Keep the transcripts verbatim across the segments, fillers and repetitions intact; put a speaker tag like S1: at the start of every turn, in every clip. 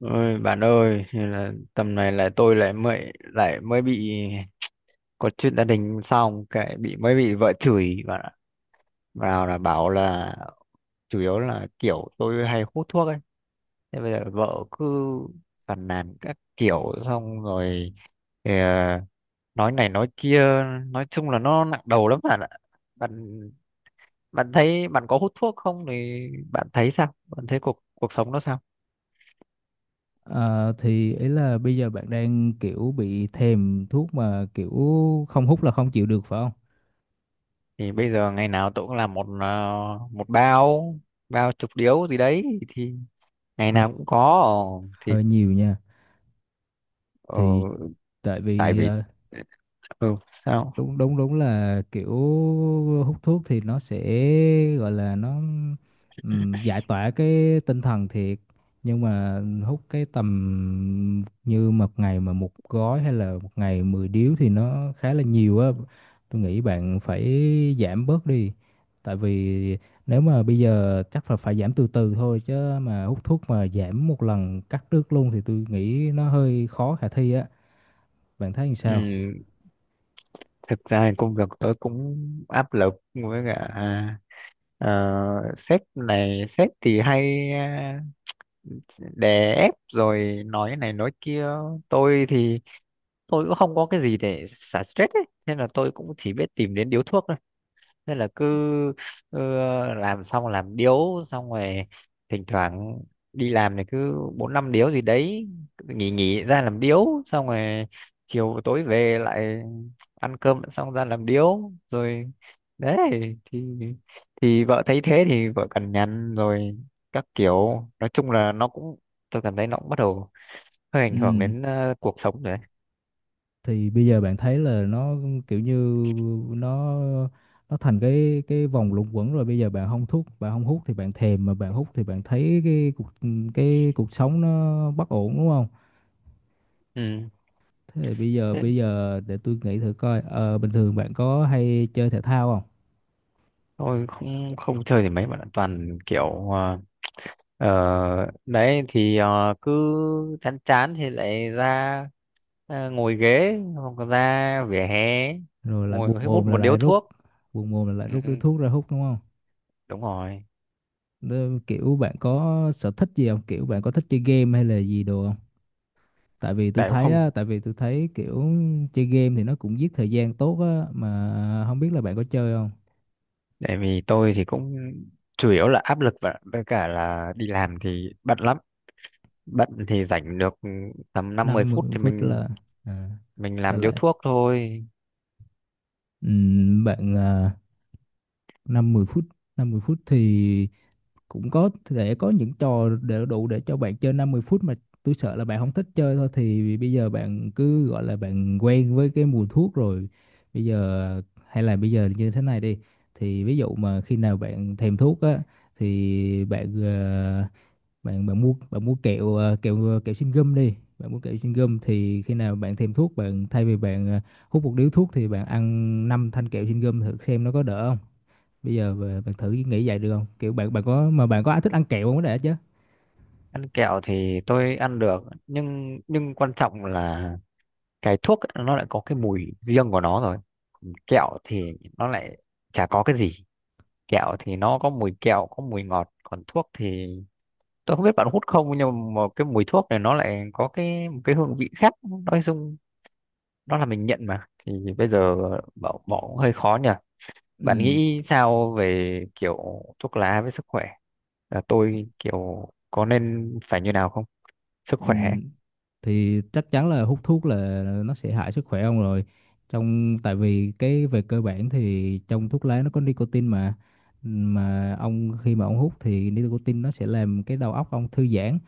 S1: Ôi bạn ơi, thế là tầm này là tôi lại mới lại mới bị có chuyện gia đình, xong cái bị mới bị vợ chửi bạn ạ. Vào là bảo là chủ yếu là kiểu tôi hay hút thuốc ấy. Thế bây giờ vợ cứ phàn nàn các kiểu, xong rồi thì, à, nói này nói kia, nói chung là nó nặng đầu lắm bạn ạ. Bạn bạn thấy bạn có hút thuốc không, thì bạn thấy sao? Bạn thấy cuộc cuộc sống nó sao?
S2: Ờ, thì ý là bây giờ bạn đang kiểu bị thèm thuốc mà kiểu không hút là không chịu được phải không?
S1: Thì bây giờ ngày nào tôi cũng làm một ờ, một bao bao chục điếu gì đấy, thì ngày
S2: Hơi
S1: nào cũng có. Ờ, thì
S2: hơi nhiều nha.
S1: ờ,
S2: Thì tại
S1: tại
S2: vì
S1: vì
S2: ờ,
S1: ừ sao.
S2: đúng đúng đúng là kiểu hút thuốc thì nó sẽ gọi là nó ừm, giải tỏa cái tinh thần thiệt, nhưng mà hút cái tầm như một ngày mà một gói hay là một ngày mười điếu thì nó khá là nhiều á. Tôi nghĩ bạn phải giảm bớt đi, tại vì nếu mà bây giờ chắc là phải giảm từ từ thôi, chứ mà hút thuốc mà giảm một lần cắt đứt luôn thì tôi nghĩ nó hơi khó khả thi á. Bạn thấy làm sao?
S1: Ừ, thực ra thì công việc tôi cũng áp lực, với cả ờ, sếp này sếp thì hay ờ, đè ép rồi nói này nói kia. Tôi thì tôi cũng không có cái gì để xả stress ấy, nên là tôi cũng chỉ biết tìm đến điếu thuốc. Nên là cứ ờ, làm xong làm điếu, xong rồi thỉnh thoảng đi làm thì cứ bốn năm điếu gì đấy, nghỉ nghỉ ra làm điếu xong rồi chiều tối về lại ăn cơm xong ra làm điếu rồi đấy. thì thì vợ thấy thế thì vợ cằn nhằn rồi các kiểu, nói chung là nó cũng, tôi cảm thấy nó cũng bắt đầu hơi ảnh hưởng
S2: Ừ.
S1: đến ờ, cuộc sống rồi đấy.
S2: Thì bây giờ bạn thấy là nó kiểu như nó nó thành cái cái vòng luẩn quẩn rồi. Bây giờ bạn không thuốc, bạn không hút thì bạn thèm, mà bạn hút thì bạn thấy cái cuộc, cái cuộc sống nó bất ổn, đúng không?
S1: Ừ,
S2: Thế thì bây giờ
S1: thế
S2: bây giờ để tôi nghĩ thử coi, ờ, bình thường bạn có hay chơi thể thao không?
S1: tôi không không chơi thì mấy bạn ạ. Toàn kiểu ờ, Ờ, đấy thì ờ, cứ chán chán thì lại ra ờ, ngồi ghế hoặc là ra vỉa hè
S2: Rồi lại buồn
S1: ngồi hút
S2: mồm là
S1: một điếu
S2: lại rút,
S1: thuốc.
S2: buồn mồm là lại
S1: Ừ,
S2: rút điếu thuốc ra hút đúng không?
S1: đúng rồi.
S2: Nên kiểu bạn có sở thích gì không, kiểu bạn có thích chơi game hay là gì đồ không? Tại vì tôi
S1: tại cũng
S2: thấy
S1: không
S2: á, tại vì tôi thấy kiểu chơi game thì nó cũng giết thời gian tốt á, mà không biết là bạn có chơi không.
S1: tại vì tôi thì cũng chủ yếu là áp lực, và với cả là đi làm thì bận lắm. Bận thì rảnh được tầm năm mười
S2: năm mươi
S1: phút thì
S2: phút
S1: mình
S2: là à,
S1: mình
S2: là
S1: làm điếu
S2: lại.
S1: thuốc thôi.
S2: Ừm, bạn à, năm mươi phút, năm mươi phút thì cũng có thể có những trò để đủ để cho bạn chơi năm mươi phút mà. Tôi sợ là bạn không thích chơi thôi. Thì bây giờ bạn cứ gọi là bạn quen với cái mùi thuốc rồi, bây giờ hay là bây giờ như thế này đi: thì ví dụ mà khi nào bạn thèm thuốc á thì bạn ờ, bạn bạn mua bạn mua kẹo ờ, kẹo ờ, kẹo xin gum đi. Bạn mua kẹo xin gum thì khi nào bạn thèm thuốc, bạn thay vì bạn ờ, hút một điếu thuốc thì bạn ăn năm thanh kẹo xin gum thử xem nó có đỡ không. Bây giờ bà- bạn thử nghĩ vậy được không, kiểu bạn bạn có mà bạn có ai thích ăn kẹo không có đã chứ.
S1: Ăn kẹo thì tôi ăn được, nhưng nhưng quan trọng là cái thuốc ấy, nó lại có cái mùi riêng của nó rồi. Còn kẹo thì nó lại chả có cái gì, kẹo thì nó có mùi kẹo, có mùi ngọt, còn thuốc thì tôi không biết bạn hút không, nhưng mà cái mùi thuốc này nó lại có cái một cái hương vị khác. Nói chung đó là mình nhận mà, thì bây giờ bỏ bỏ cũng hơi khó nhỉ. Bạn
S2: ừ,
S1: nghĩ sao về kiểu thuốc lá với sức khỏe, là tôi kiểu có nên phải như nào không, sức
S2: ừ,
S1: khỏe ấy.
S2: thì chắc chắn là hút thuốc là nó sẽ hại sức khỏe ông rồi. Trong tại vì cái Về cơ bản thì trong thuốc lá nó có nicotine mà mà ông khi mà ông hút thì nicotine nó sẽ làm cái đầu óc ông thư giãn.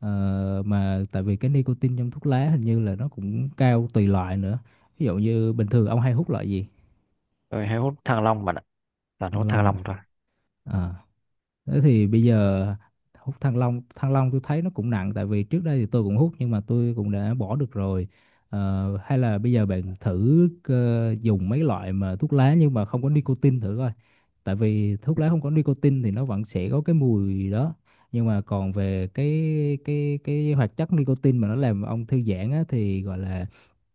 S2: Ờ, mà tại vì cái nicotine trong thuốc lá hình như là nó cũng cao tùy loại nữa. Ví dụ như bình thường ông hay hút loại gì?
S1: Tôi hay hút thang long bạn ạ, toàn
S2: Ăn
S1: hút thang
S2: lông
S1: long thôi.
S2: à? Thế thì bây giờ hút Thăng Long, Thăng Long tôi thấy nó cũng nặng. Tại vì trước đây thì tôi cũng hút nhưng mà tôi cũng đã bỏ được rồi. Ờ, hay là bây giờ bạn thử ờ, dùng mấy loại mà thuốc lá nhưng mà không có nicotine thử coi. Tại vì thuốc lá không có nicotine thì nó vẫn sẽ có cái mùi đó. Nhưng mà còn về cái cái cái hoạt chất nicotine mà nó làm ông thư giãn á, thì gọi là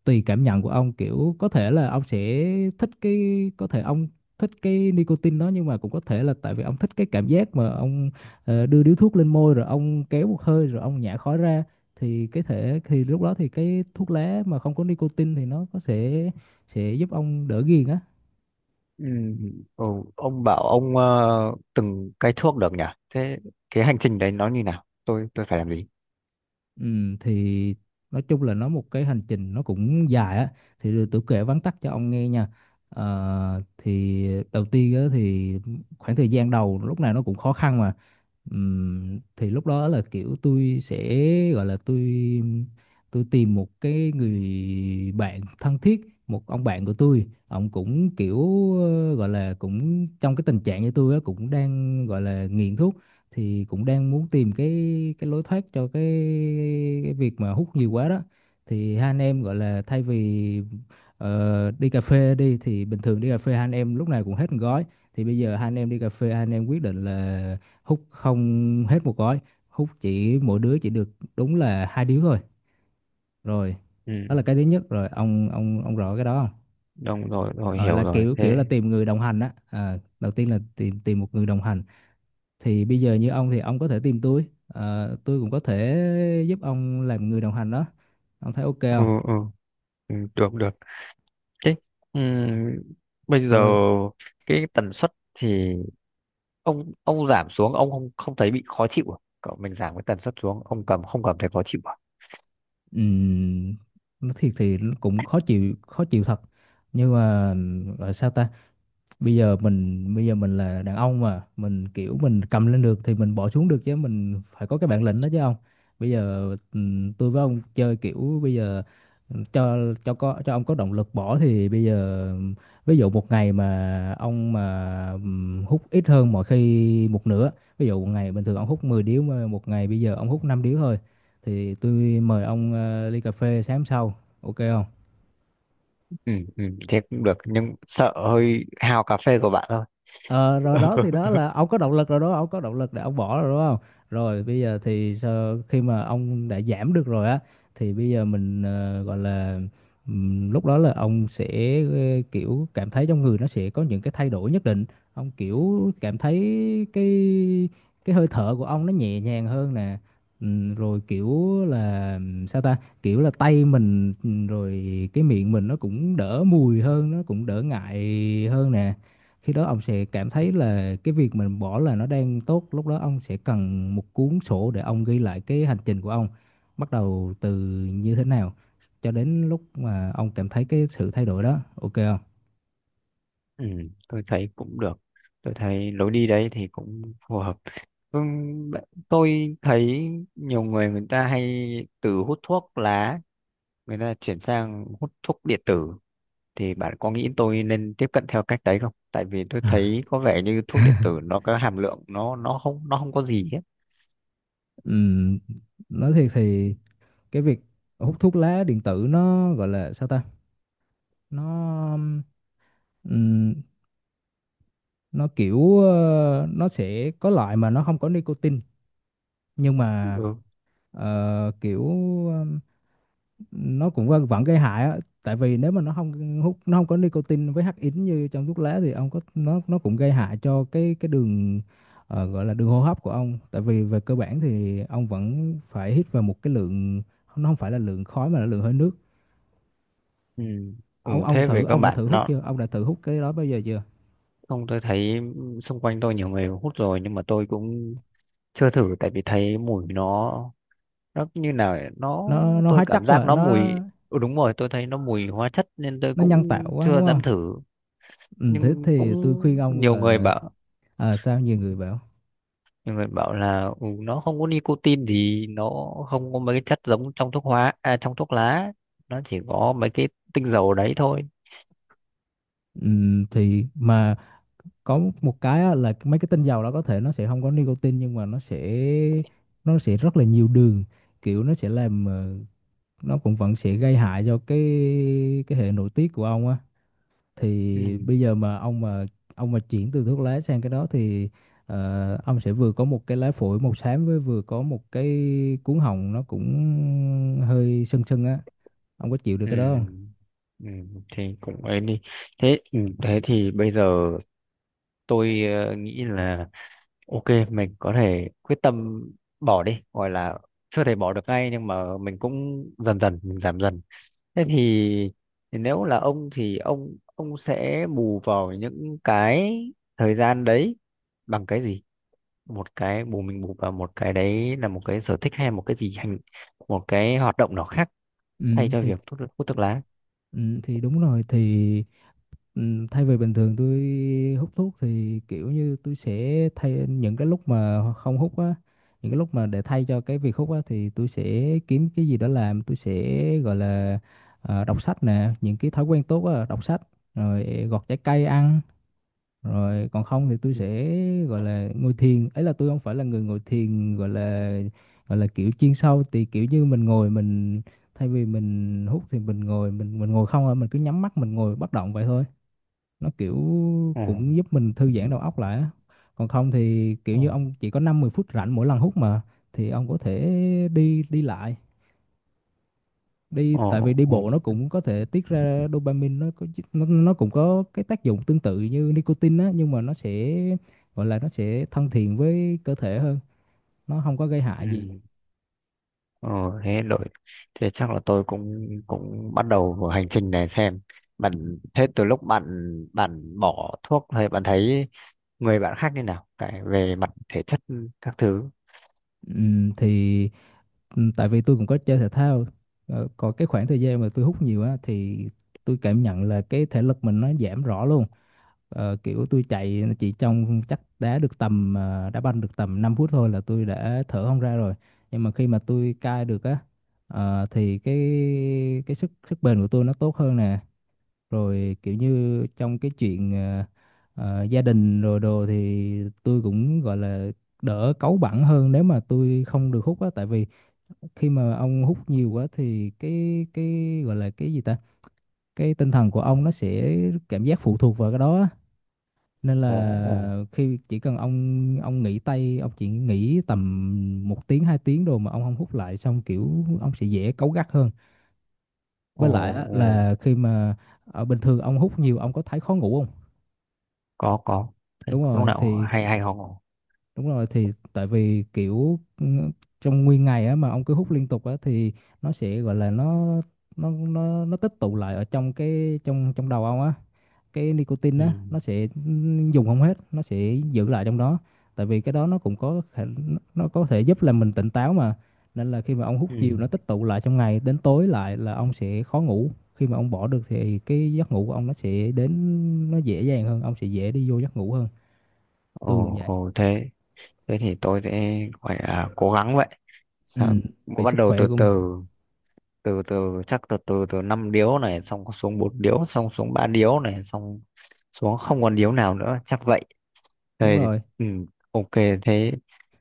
S2: tùy cảm nhận của ông, kiểu có thể là ông sẽ thích cái, có thể ông thích cái nicotine đó, nhưng mà cũng có thể là tại vì ông thích cái cảm giác mà ông, ờ, đưa điếu thuốc lên môi rồi ông kéo một hơi rồi ông nhả khói ra. Thì cái thể thì lúc đó thì cái thuốc lá mà không có nicotine thì nó có sẽ sẽ giúp ông đỡ ghiền á.
S1: Ừ, ừ, ông bảo ông ờ, từng cái thuốc được nhỉ? Thế cái hành trình đấy nó như nào? Tôi tôi phải làm gì?
S2: Ừm, thì nói chung là nó một cái hành trình nó cũng dài á, thì rồi tôi kể vắn tắt cho ông nghe nha. Ờ, thì đầu tiên á, thì khoảng thời gian đầu lúc nào nó cũng khó khăn mà. Ừm, thì lúc đó là kiểu tôi sẽ gọi là tôi tôi tìm một cái người bạn thân thiết, một ông bạn của tôi, ông cũng kiểu ờ, gọi là cũng trong cái tình trạng như tôi á, cũng đang gọi là nghiện thuốc, thì cũng đang muốn tìm cái cái lối thoát cho cái cái việc mà hút nhiều quá đó. Thì hai anh em gọi là thay vì ờ, đi cà phê đi, thì bình thường đi cà phê hai anh em lúc nào cũng hết một gói, thì bây giờ hai anh em đi cà phê, hai anh em quyết định là hút không hết một gói, hút chỉ mỗi đứa chỉ được đúng là hai điếu thôi. Rồi, đó là
S1: Ừ,
S2: cái thứ nhất rồi, ông ông ông rõ cái đó không?
S1: đúng rồi, rồi
S2: Ờ,
S1: hiểu
S2: là
S1: rồi.
S2: kiểu kiểu là
S1: Thế
S2: tìm người đồng hành á, à, đầu tiên là tìm tìm một người đồng hành. Thì bây giờ như ông thì ông có thể tìm tôi. Ờ, tôi cũng có thể giúp ông làm người đồng hành đó. Ông thấy ok
S1: ừ,
S2: không?
S1: ừ, ừ, được được. Thế ừ, bây giờ
S2: Rồi.
S1: cái tần suất thì ông ông giảm xuống, ông không không thấy bị khó chịu à? Cậu mình giảm cái tần suất xuống, ông cầm không cầm thấy khó chịu à?
S2: Ừm, nói thiệt thì cũng khó chịu, khó chịu thật, nhưng mà gọi sao ta, bây giờ mình bây giờ mình là đàn ông mà, mình kiểu mình cầm lên được thì mình bỏ xuống được chứ, mình phải có cái bản lĩnh đó chứ không. Bây giờ ừm, tôi với ông chơi kiểu bây giờ cho cho có cho ông có động lực bỏ. Thì bây giờ ví dụ một ngày mà ông mà ừm, hút ít hơn mọi khi một nửa, ví dụ một ngày bình thường ông hút mười điếu mà một ngày bây giờ ông hút năm điếu thôi, thì tôi mời ông ờ, ly cà phê sáng sau. Ok không?
S1: Ừ, ừ, thế cũng được, nhưng sợ hơi hao cà phê của bạn thôi.
S2: Ờ, rồi đó, thì đó là ông có động lực rồi đó, ông có động lực để ông bỏ rồi đúng không? Rồi bây giờ thì sau khi mà ông đã giảm được rồi á, thì bây giờ mình ờ, gọi là ừm, lúc đó là ông sẽ ờ, kiểu cảm thấy trong người nó sẽ có những cái thay đổi nhất định. Ông kiểu cảm thấy cái cái hơi thở của ông nó nhẹ nhàng hơn nè. Ừm, rồi kiểu là ừm, sao ta, kiểu là tay mình ừm, rồi cái miệng mình nó cũng đỡ mùi hơn, nó cũng đỡ ngại hơn nè. Khi đó ông sẽ cảm thấy là cái việc mình bỏ là nó đang tốt, lúc đó ông sẽ cần một cuốn sổ để ông ghi lại cái hành trình của ông, bắt đầu từ như thế nào cho đến lúc mà ông cảm thấy cái sự thay đổi đó, ok không?
S1: Ừ, tôi thấy cũng được. Tôi thấy lối đi đấy thì cũng phù hợp. Vâng, bạn- tôi thấy nhiều người, người ta hay từ hút thuốc lá người ta chuyển sang hút thuốc điện tử, thì bạn có nghĩ tôi nên tiếp cận theo cách đấy không? Tại vì tôi thấy có vẻ như thuốc điện tử nó có hàm lượng, nó nó không nó không có gì hết.
S2: Ừm, nói thiệt thì cái việc hút thuốc lá điện tử nó gọi là sao ta? Nó ừm, nó kiểu ờ, nó sẽ có loại mà nó không có nicotine, nhưng mà
S1: Ừ.
S2: ờ, kiểu ờ, nó cũng vẫn vẫn gây hại á. Tại vì nếu mà nó không hút nó không có nicotine với hắc ín như trong thuốc lá thì ông có nó nó cũng gây hại cho cái cái đường, ờ, gọi là đường hô hấp của ông. Tại vì về cơ bản thì ông vẫn phải hít vào một cái lượng, nó không phải là lượng khói mà là lượng hơi nước.
S1: Ừ. Ừ,
S2: Ông ông
S1: thế
S2: thử
S1: về các
S2: ông đã
S1: bạn
S2: thử hút
S1: nó,
S2: chưa ông đã thử hút cái đó bao giờ chưa?
S1: không, tôi thấy xung quanh tôi nhiều người hút rồi, nhưng mà tôi cũng chưa thử, tại vì thấy mùi nó nó như nào ấy, nó,
S2: Nó nó
S1: tôi
S2: hóa chất
S1: cảm giác
S2: quá,
S1: nó
S2: nó
S1: mùi. Ừ, đúng rồi, tôi thấy nó mùi hóa chất nên tôi
S2: nó nhân tạo
S1: cũng
S2: quá
S1: chưa
S2: đúng
S1: dám
S2: không?
S1: thử.
S2: Ừ, thế
S1: Nhưng
S2: thì tôi khuyên
S1: cũng
S2: ông
S1: nhiều người
S2: là,
S1: bảo,
S2: à, sao nhiều người bảo.
S1: nhiều người bảo là ừ, nó không có nicotine thì nó không có mấy cái chất giống trong thuốc hóa, à, trong thuốc lá, nó chỉ có mấy cái tinh dầu đấy thôi.
S2: Ừ, thì mà có một cái á, là mấy cái tinh dầu đó có thể nó sẽ không có nicotine, nhưng mà nó sẽ nó sẽ rất là nhiều đường, kiểu nó sẽ làm ờ, nó cũng vẫn sẽ gây hại cho cái cái hệ nội tiết của ông á. Thì
S1: Ừ.
S2: bây giờ mà ông mà ông mà chuyển từ thuốc lá sang cái đó thì ờ, ông sẽ vừa có một cái lá phổi màu xám với vừa có một cái cuống họng nó cũng hơi sưng sưng á. Ông có chịu được
S1: Ừ.
S2: cái đó không?
S1: Ừ. Thì cũng ấy đi. Thế ừ, thế thì bây giờ tôi ờ, nghĩ là ok, mình có thể quyết tâm bỏ đi, gọi là chưa thể bỏ được ngay, nhưng mà mình cũng dần dần mình giảm dần. Thế thì, thì nếu là ông thì ông ông sẽ bù vào những cái thời gian đấy bằng cái gì? Một cái bù, mình bù vào một cái đấy, là một cái sở thích hay một cái gì hành, một cái hoạt động nào khác
S2: Ừ,
S1: thay cho
S2: thì.
S1: việc hút thuốc, hút thuốc lá.
S2: Ừ, thì đúng rồi, thì ừm, thay vì bình thường tôi hút thuốc thì kiểu như tôi sẽ thay những cái lúc mà không hút á, những cái lúc mà để thay cho cái việc hút á thì tôi sẽ kiếm cái gì đó làm. Tôi sẽ gọi là ờ, đọc sách nè, những cái thói quen tốt á, đọc sách, rồi gọt trái cây ăn, rồi còn không thì tôi
S1: Ừ.
S2: sẽ gọi là ngồi thiền ấy. Là tôi không phải là người ngồi thiền gọi là gọi là kiểu chuyên sâu, thì kiểu như mình ngồi mình thay vì mình hút thì mình ngồi, mình mình ngồi không thôi, mình cứ nhắm mắt mình ngồi bất động vậy thôi, nó kiểu
S1: Ồ,
S2: cũng giúp mình thư giãn đầu óc lại á. Còn không thì kiểu
S1: ồ,
S2: như ông chỉ có năm mười phút rảnh mỗi lần hút mà, thì ông có thể đi đi lại đi,
S1: ồ,
S2: tại vì đi bộ
S1: ồ.
S2: nó cũng có thể tiết ra dopamine. Nó có nó, nó cũng có cái tác dụng tương tự như nicotine á, nhưng mà nó sẽ gọi là nó sẽ thân thiện với cơ thể hơn, nó không có gây hại gì.
S1: Ừ. Ờ, thế đội, thế chắc là tôi cũng cũng bắt đầu vào hành trình này xem. Bạn thế từ lúc bạn, bạn bỏ thuốc thì bạn thấy người bạn khác như nào, cái về mặt thể chất các thứ.
S2: Ừm, thì ừm, tại vì tôi cũng có chơi thể thao. Ờ, còn cái khoảng thời gian mà tôi hút nhiều á thì tôi cảm nhận là cái thể lực mình nó giảm rõ luôn. Ờ, kiểu tôi chạy chỉ trong chắc đá được tầm ờ, đá banh được tầm năm phút thôi là tôi đã thở không ra rồi, nhưng mà khi mà tôi cai được á, ờ, thì cái cái sức sức bền của tôi nó tốt hơn nè. Rồi kiểu như trong cái chuyện ờ, ờ, gia đình rồi đồ thì tôi cũng gọi là đỡ cáu bẳn hơn nếu mà tôi không được hút á. Tại vì khi mà ông hút nhiều quá thì cái cái gọi là cái gì ta, cái tinh thần của ông nó sẽ cảm giác phụ thuộc vào cái đó á, nên
S1: Ồ, ồ,
S2: là khi chỉ cần ông ông nghỉ tay, ông chỉ nghỉ tầm một tiếng hai tiếng rồi mà ông không hút lại xong kiểu ông sẽ dễ cáu gắt hơn.
S1: ồ,
S2: Với lại á,
S1: ồ.
S2: là khi mà ở bình thường ông hút nhiều ông có thấy khó ngủ không?
S1: Có có. Thế
S2: Đúng
S1: lúc
S2: rồi,
S1: nào
S2: thì.
S1: hay hay ho ngủ.
S2: Đúng rồi, thì tại vì kiểu ừ, trong nguyên ngày á mà ông cứ hút liên tục á thì nó sẽ gọi là nó nó nó nó tích tụ lại ở trong cái trong trong đầu ông á. Cái nicotine
S1: Ừ,
S2: á nó sẽ ừ, dùng không hết, nó sẽ giữ lại trong đó. Tại vì cái đó nó cũng có khả- nó có thể giúp làm mình tỉnh táo mà. Nên là khi mà ông hút
S1: ừ.
S2: nhiều nó tích tụ lại trong ngày đến tối lại là ông sẽ khó ngủ. Khi mà ông bỏ được thì cái giấc ngủ của ông nó sẽ đến nó dễ dàng hơn, ông sẽ dễ đi vô giấc ngủ hơn. Tôi cũng
S1: Ồ,
S2: vậy.
S1: ồ. Thế thế thì tôi sẽ gọi là cố gắng vậy.
S2: Ừ,
S1: Sao,
S2: vì
S1: bắt
S2: sức
S1: đầu
S2: khỏe
S1: từ
S2: của mình.
S1: từ, từ từ chắc từ từ, từ năm điếu này xong xuống bốn điếu, xong xuống ba điếu này, xong xuống không còn điếu nào nữa, chắc vậy.
S2: Đúng
S1: Thế
S2: rồi,
S1: thì, ừ, ok. Thế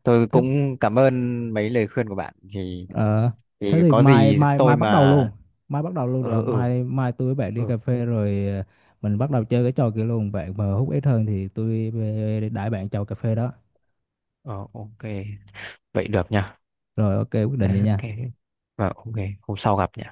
S1: tôi
S2: thế
S1: cũng cảm ơn mấy lời khuyên của bạn thì
S2: ờ, thế
S1: thì
S2: thì
S1: có
S2: mai
S1: gì
S2: mai
S1: tôi
S2: mai bắt đầu
S1: mà
S2: luôn. Mai bắt đầu luôn
S1: ừ,
S2: được không?
S1: ừ,
S2: Mai mai tôi với bạn đi
S1: ừ.
S2: cà phê rồi ờ, mình bắt đầu chơi cái trò kia luôn, bạn mà hút ít hơn thì tôi ờ, đãi bạn chầu cà phê đó.
S1: Ờ, ok, vậy được nha.
S2: Rồi ok, quyết định
S1: Đấy,
S2: vậy nha.
S1: ok. Và ok, hôm sau gặp nhỉ.